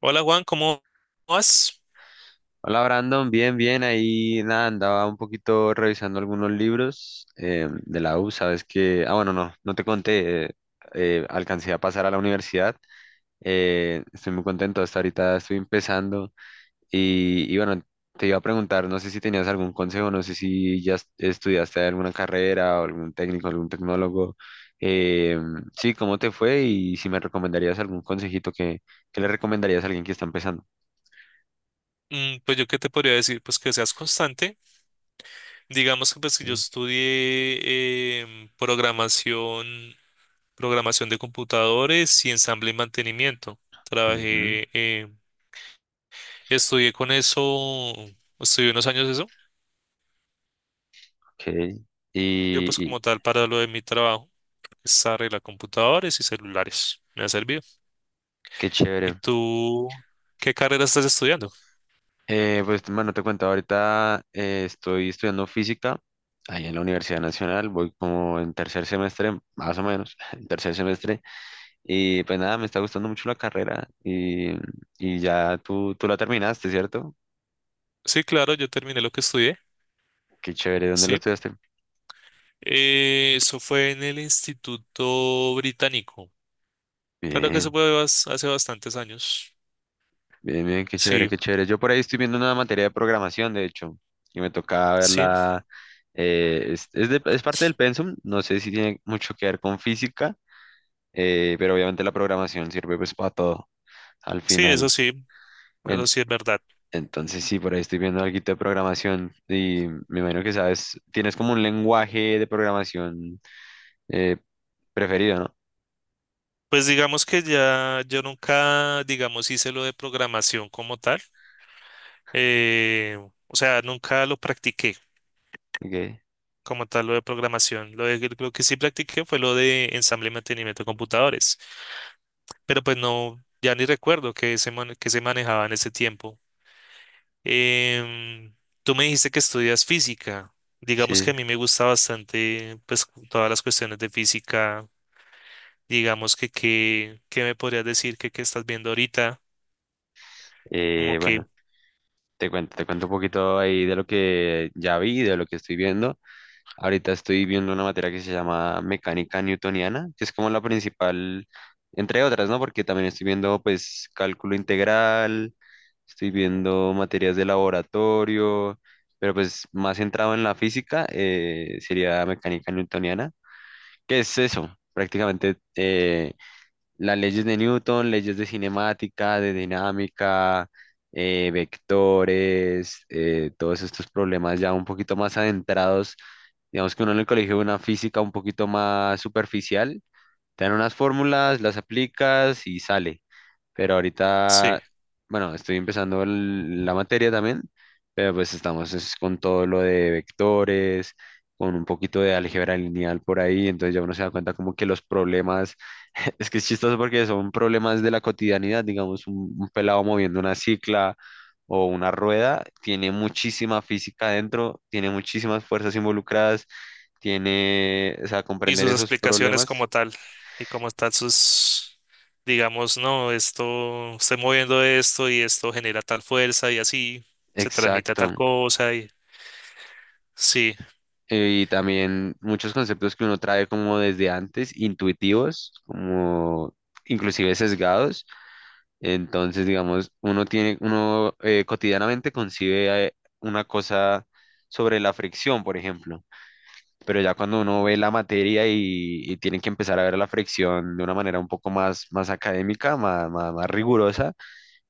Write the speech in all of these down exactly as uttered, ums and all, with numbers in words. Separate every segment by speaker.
Speaker 1: Hola Juan, ¿cómo vas?
Speaker 2: Hola Brandon, bien, bien, ahí nada, andaba un poquito revisando algunos libros eh, de la U, sabes que, ah bueno, no, no te conté, eh, eh, alcancé a pasar a la universidad. Eh, estoy muy contento, hasta ahorita estoy empezando, y, y bueno, te iba a preguntar, no sé si tenías algún consejo, no sé si ya est- estudiaste alguna carrera o algún técnico, algún tecnólogo. eh, sí, ¿cómo te fue? Y si me recomendarías algún consejito que, que le recomendarías a alguien que está empezando.
Speaker 1: Mm, Pues yo qué te podría decir, pues que seas constante. Digamos que pues que yo
Speaker 2: Ok.
Speaker 1: estudié em, programación, programación de computadores y ensamble y mantenimiento.
Speaker 2: Ujú.
Speaker 1: Trabajé, eh, estudié con eso, estudié unos años eso.
Speaker 2: Ok, y,
Speaker 1: Yo pues
Speaker 2: y
Speaker 1: como tal para lo de mi trabajo, es arreglar computadores y celulares. Me ha servido.
Speaker 2: qué
Speaker 1: ¿Y
Speaker 2: chévere.
Speaker 1: tú qué carrera estás estudiando?
Speaker 2: Eh, pues, mano, te cuento, ahorita eh, estoy estudiando física ahí en la Universidad Nacional, voy como en tercer semestre, más o menos, en tercer semestre, y pues nada, me está gustando mucho la carrera. Y y ya tú, tú la terminaste, ¿cierto?
Speaker 1: Sí, claro, yo terminé lo que estudié.
Speaker 2: Qué chévere, ¿dónde lo
Speaker 1: Sí,
Speaker 2: estudiaste?
Speaker 1: Eh, eso fue en el Instituto Británico. Claro que eso
Speaker 2: Bien,
Speaker 1: fue bas- hace bastantes años.
Speaker 2: bien, bien, qué chévere,
Speaker 1: Sí,
Speaker 2: qué chévere. Yo por ahí estoy viendo una materia de programación, de hecho, y me toca
Speaker 1: sí,
Speaker 2: verla. Eh, es, es de- es parte del pensum, no sé si tiene mucho que ver con física. Eh, pero obviamente la programación sirve pues para todo al
Speaker 1: sí,
Speaker 2: final.
Speaker 1: eso sí,
Speaker 2: En-
Speaker 1: eso sí es verdad.
Speaker 2: entonces sí, por ahí estoy viendo algo de programación y me imagino que sabes, tienes como un lenguaje de programación eh, preferido, ¿no?
Speaker 1: Pues digamos que ya yo nunca, digamos, hice lo de programación como tal. Eh, o sea, nunca lo practiqué
Speaker 2: Ok,
Speaker 1: como tal lo de programación. Lo de, lo que sí practiqué fue lo de ensamble y mantenimiento de computadores. Pero pues no, ya ni recuerdo que se, man- que se manejaba en ese tiempo. Em, tú me dijiste que estudias física. Digamos que
Speaker 2: sí.
Speaker 1: a mí me gusta bastante, pues, cu- todas las cuestiones de física. Digamos que, qué qué me podrías decir que, qué estás viendo ahorita, como
Speaker 2: Eh, bueno,
Speaker 1: que,
Speaker 2: te cuento, te cuento un poquito ahí de lo que ya vi, de lo que estoy viendo. Ahorita estoy viendo una materia que se llama mecánica newtoniana, que es como la principal, entre otras, ¿no? Porque también estoy viendo, pues, cálculo integral, estoy viendo materias de laboratorio, pero pues más centrado en la física eh, sería mecánica newtoniana. ¿Qué es eso? Prácticamente eh, las leyes de Newton, leyes de cinemática, de dinámica, eh, vectores, eh, todos estos problemas ya un poquito más adentrados. Digamos que uno en el colegio ve una física un poquito más superficial, te dan unas fórmulas, las aplicas y sale. Pero ahorita,
Speaker 1: sí,
Speaker 2: bueno, estoy empezando el- la materia también, pero pues estamos es con todo lo de vectores, con un poquito de álgebra lineal por ahí, entonces ya uno se da cuenta como que los problemas, es que es chistoso porque son problemas de la cotidianidad, digamos, un, un pelado moviendo una cicla o una rueda, tiene muchísima física dentro, tiene muchísimas fuerzas involucradas, tiene, o sea,
Speaker 1: y
Speaker 2: comprender
Speaker 1: sus
Speaker 2: esos
Speaker 1: explicaciones
Speaker 2: problemas.
Speaker 1: como tal, y como tal sus, digamos, no, esto, estoy moviendo esto y esto genera tal fuerza y así, se transmite a tal
Speaker 2: Exacto.
Speaker 1: cosa y sí.
Speaker 2: Eh, y también muchos conceptos que uno trae como desde antes, intuitivos, como inclusive sesgados. Entonces, digamos, uno tiene, uno eh, cotidianamente concibe eh, una cosa sobre la fricción, por ejemplo. Pero ya cuando uno ve la materia y, y tiene que empezar a ver la fricción de una manera un poco más, más académica, más, más, más rigurosa,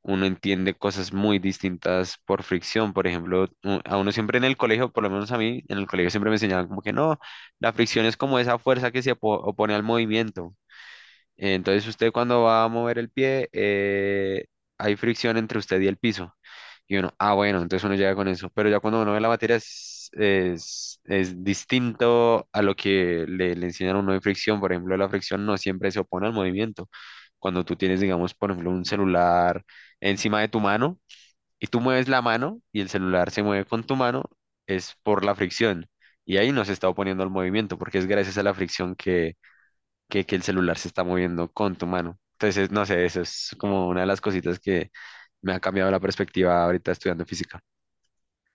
Speaker 2: uno entiende cosas muy distintas por fricción. Por ejemplo, u- a uno siempre en el colegio, por lo menos a mí, en el colegio siempre me enseñaban como que no, la fricción es como esa fuerza que se opo- opone al movimiento. Entonces usted cuando va a mover el pie, eh, hay fricción entre usted y el piso. Y uno, ah, bueno, entonces uno llega con eso. Pero ya cuando uno ve la materia es, es, es distinto a lo que le, le, enseñan a uno de fricción. Por ejemplo, la fricción no siempre se opone al movimiento. Cuando tú tienes, digamos, por ejemplo, un celular encima de tu mano y tú mueves la mano y el celular se mueve con tu mano, es por la fricción. Y ahí no se está oponiendo al movimiento porque es gracias a la fricción que, que el celular se está moviendo con tu mano. Entonces, no sé, eso es como una de las cositas que me ha cambiado la perspectiva ahorita estudiando física.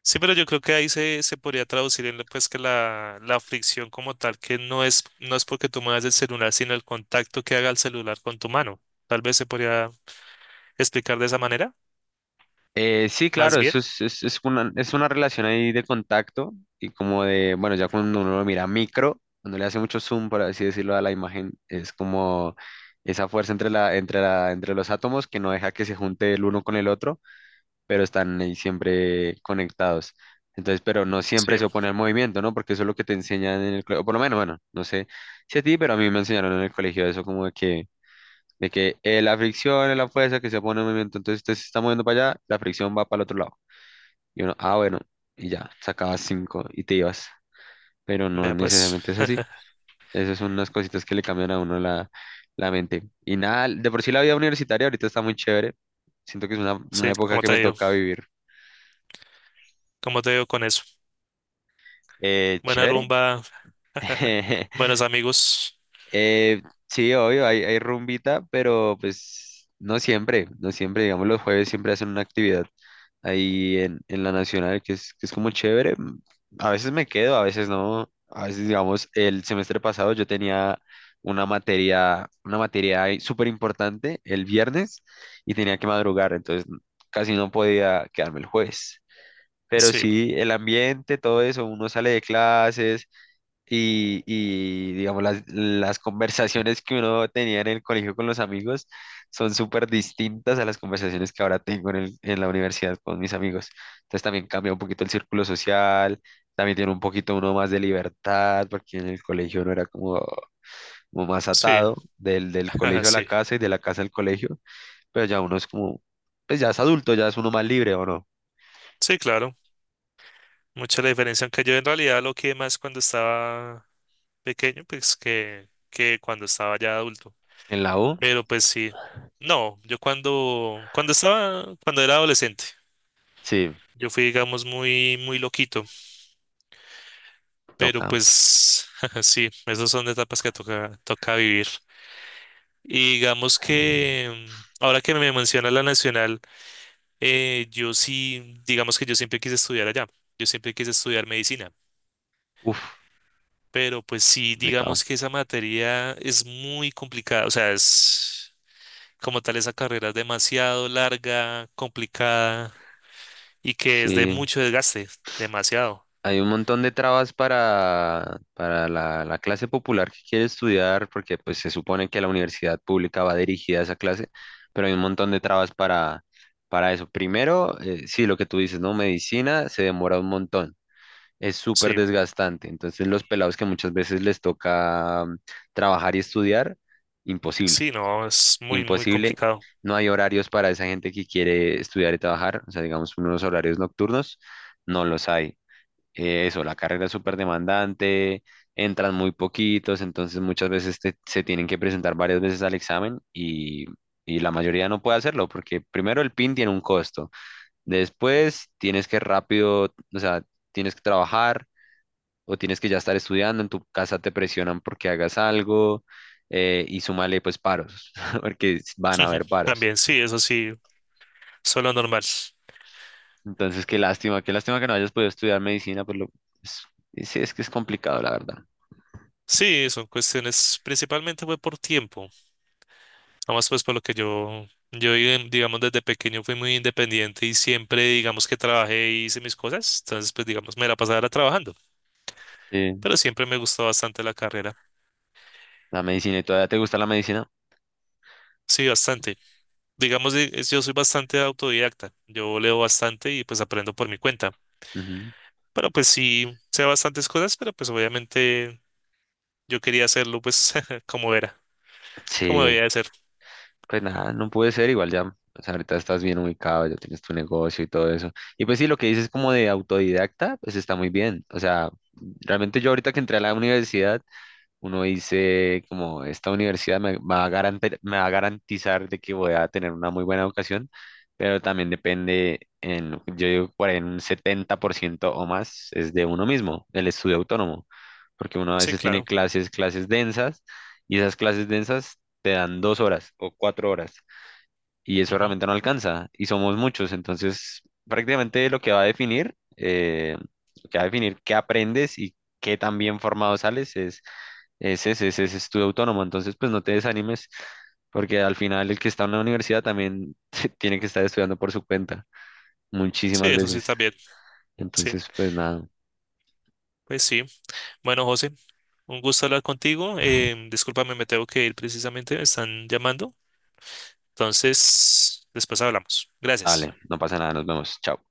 Speaker 1: Sí, pero yo creo que ahí se, se podría traducir en lo, pues que la, la fricción como tal, que no es, no es porque tú muevas el celular, sino el contacto que haga el celular con tu mano. Tal vez se podría explicar de esa manera,
Speaker 2: Eh, sí,
Speaker 1: más
Speaker 2: claro, eso
Speaker 1: bien.
Speaker 2: es, es, es una, es una relación ahí de contacto y como de, bueno, ya cuando uno lo mira micro, cuando le hace mucho zoom, por así decirlo, a la imagen, es como esa fuerza entre la, entre la, entre los átomos que no deja que se junte el uno con el otro pero están ahí siempre conectados. Entonces, pero no siempre
Speaker 1: Sí,
Speaker 2: se opone al movimiento, ¿no? Porque eso es lo que te enseñan en el colegio, por lo menos, bueno, no sé si a ti, pero a mí me enseñaron en el colegio eso como de que, de que eh, la fricción es la fuerza que se opone al movimiento, entonces usted se está moviendo para allá, la fricción va para el otro lado. Y uno, ah, bueno, y ya, sacabas cinco y te ibas, pero no
Speaker 1: vea pues,
Speaker 2: necesariamente es así. Esas son unas cositas que le cambian a uno la, la mente. Y nada, de por sí la vida universitaria ahorita está muy chévere, siento que es una,
Speaker 1: sí,
Speaker 2: una época
Speaker 1: como
Speaker 2: que
Speaker 1: te
Speaker 2: me
Speaker 1: digo,
Speaker 2: toca vivir.
Speaker 1: como te digo con eso.
Speaker 2: Eh,
Speaker 1: Buena
Speaker 2: chévere.
Speaker 1: rumba, buenos amigos.
Speaker 2: Eh, sí, obvio, hay, hay, rumbita, pero pues no siempre, no siempre, digamos, los jueves siempre hacen una actividad ahí en, en la Nacional, que es, que es como chévere. mm, A veces me quedo, a veces no. A veces, digamos, el semestre pasado yo tenía una materia, una materia ahí súper importante el viernes y tenía que madrugar, entonces mm, casi no podía quedarme el jueves. Pero
Speaker 1: Sí,
Speaker 2: sí, el ambiente, todo eso, uno sale de clases y, y, digamos, las, las conversaciones que uno tenía en el colegio con los amigos son súper distintas a las conversaciones que ahora tengo en el- en la universidad con mis amigos. Entonces también cambia un poquito el círculo social, también tiene un poquito uno más de libertad, porque en el colegio no era como, como más
Speaker 1: sí,
Speaker 2: atado del, del colegio a la
Speaker 1: sí,
Speaker 2: casa y de la casa al colegio, pero ya uno es como, pues ya es adulto, ya es uno más libre, ¿o no?
Speaker 1: sí, claro. Mucha la diferencia, aunque yo en realidad lo que más cuando estaba pequeño, pues que, que cuando estaba ya adulto.
Speaker 2: En la U,
Speaker 1: Pero pues sí. No, yo cuando, cuando estaba, cuando era adolescente,
Speaker 2: sí,
Speaker 1: yo fui, digamos, muy, muy loquito. Pero
Speaker 2: toca.
Speaker 1: pues sí, esas son etapas que toca, toca vivir. Y digamos que mm, ahora que me menciona la nacional, eh, yo sí, digamos que yo siempre quise estudiar allá. Yo siempre quise estudiar medicina.
Speaker 2: Uf,
Speaker 1: Pero pues sí,
Speaker 2: complicado.
Speaker 1: digamos que esa materia es muy complicada. O sea, es como tal, esa carrera es demasiado larga, complicada. Y que es de
Speaker 2: Sí.
Speaker 1: mucho desgaste, demasiado.
Speaker 2: Hay un montón de trabas para, para la, la clase popular que quiere estudiar, porque pues se supone que la universidad pública va dirigida a esa clase, pero hay un montón de trabas para, para eso. Primero, eh, sí, lo que tú dices, ¿no? Medicina se demora un montón, es súper
Speaker 1: Sí,
Speaker 2: desgastante. Entonces los pelados que muchas veces les toca mm, trabajar y estudiar, imposible,
Speaker 1: sí, no, es muy, muy
Speaker 2: imposible.
Speaker 1: complicado.
Speaker 2: No hay horarios para esa gente que quiere estudiar y trabajar, o sea, digamos, unos horarios nocturnos, no los hay. Eh, eso, la carrera es súper demandante, entran muy poquitos, entonces muchas veces te- se tienen que presentar varias veces al examen y, y la mayoría no puede hacerlo porque primero el PIN tiene un costo, después tienes que rápido, o sea, tienes que trabajar o tienes que ya estar estudiando, en tu casa te presionan porque hagas algo. Eh, y súmale pues paros, porque van a haber paros.
Speaker 1: También, sí, eso sí, solo normal.
Speaker 2: Entonces, qué lástima, qué lástima que no hayas podido estudiar medicina, pues lo, es- sí, es que es complicado, la verdad.
Speaker 1: Sí, son cuestiones, principalmente fue por tiempo. Además, pues por lo que yo, yo eh, digamos desde pequeño fui muy independiente y siempre digamos que trabajé y hice mis cosas. Entonces, pues digamos, me la pasaba era trabajando,
Speaker 2: Sí.
Speaker 1: pero siempre me gustó bastante la carrera.
Speaker 2: La medicina, ¿y todavía te gusta la medicina?
Speaker 1: Sí, bastante. Digamos, eh, es- yo soy bastante autodidacta. Yo leo bastante y pues aprendo por mi cuenta.
Speaker 2: Ujú.
Speaker 1: Pero pues sí, sé bastantes cosas, pero pues obviamente yo quería hacerlo pues como era, como
Speaker 2: Sí,
Speaker 1: debía de ser.
Speaker 2: pues nada, no puede ser igual ya. O sea, ahorita estás bien ubicado, ya tienes tu negocio y todo eso. Y pues sí, lo que dices como de autodidacta, pues está muy bien. O sea, realmente yo ahorita que entré a la universidad, uno dice como esta universidad me va a garante- me va a garantizar de que voy a tener una muy buena educación, pero también depende en, yo digo, por ahí en un setenta por ciento o más es de uno mismo, el estudio autónomo, porque uno a
Speaker 1: Sí,
Speaker 2: veces tiene
Speaker 1: claro.
Speaker 2: clases, clases densas, y esas clases densas te dan dos horas o cuatro horas y eso
Speaker 1: Ujú.
Speaker 2: realmente no alcanza y somos muchos, entonces prácticamente lo que va a definir, eh, lo que va a definir qué aprendes y qué tan bien formado sales es, es ese, ese es estudio autónomo, entonces pues no te desanimes porque al final el que está en una universidad también tiene que estar estudiando por su cuenta
Speaker 1: Sí,
Speaker 2: muchísimas
Speaker 1: eso sí
Speaker 2: veces,
Speaker 1: también. Sí,
Speaker 2: entonces pues nada,
Speaker 1: pues sí. Bueno, José, un gusto hablar contigo. Eh, discúlpame, me tengo que ir precisamente, me están llamando. Entonces, después hablamos. Gracias.
Speaker 2: dale, no pasa nada, nos vemos, chao.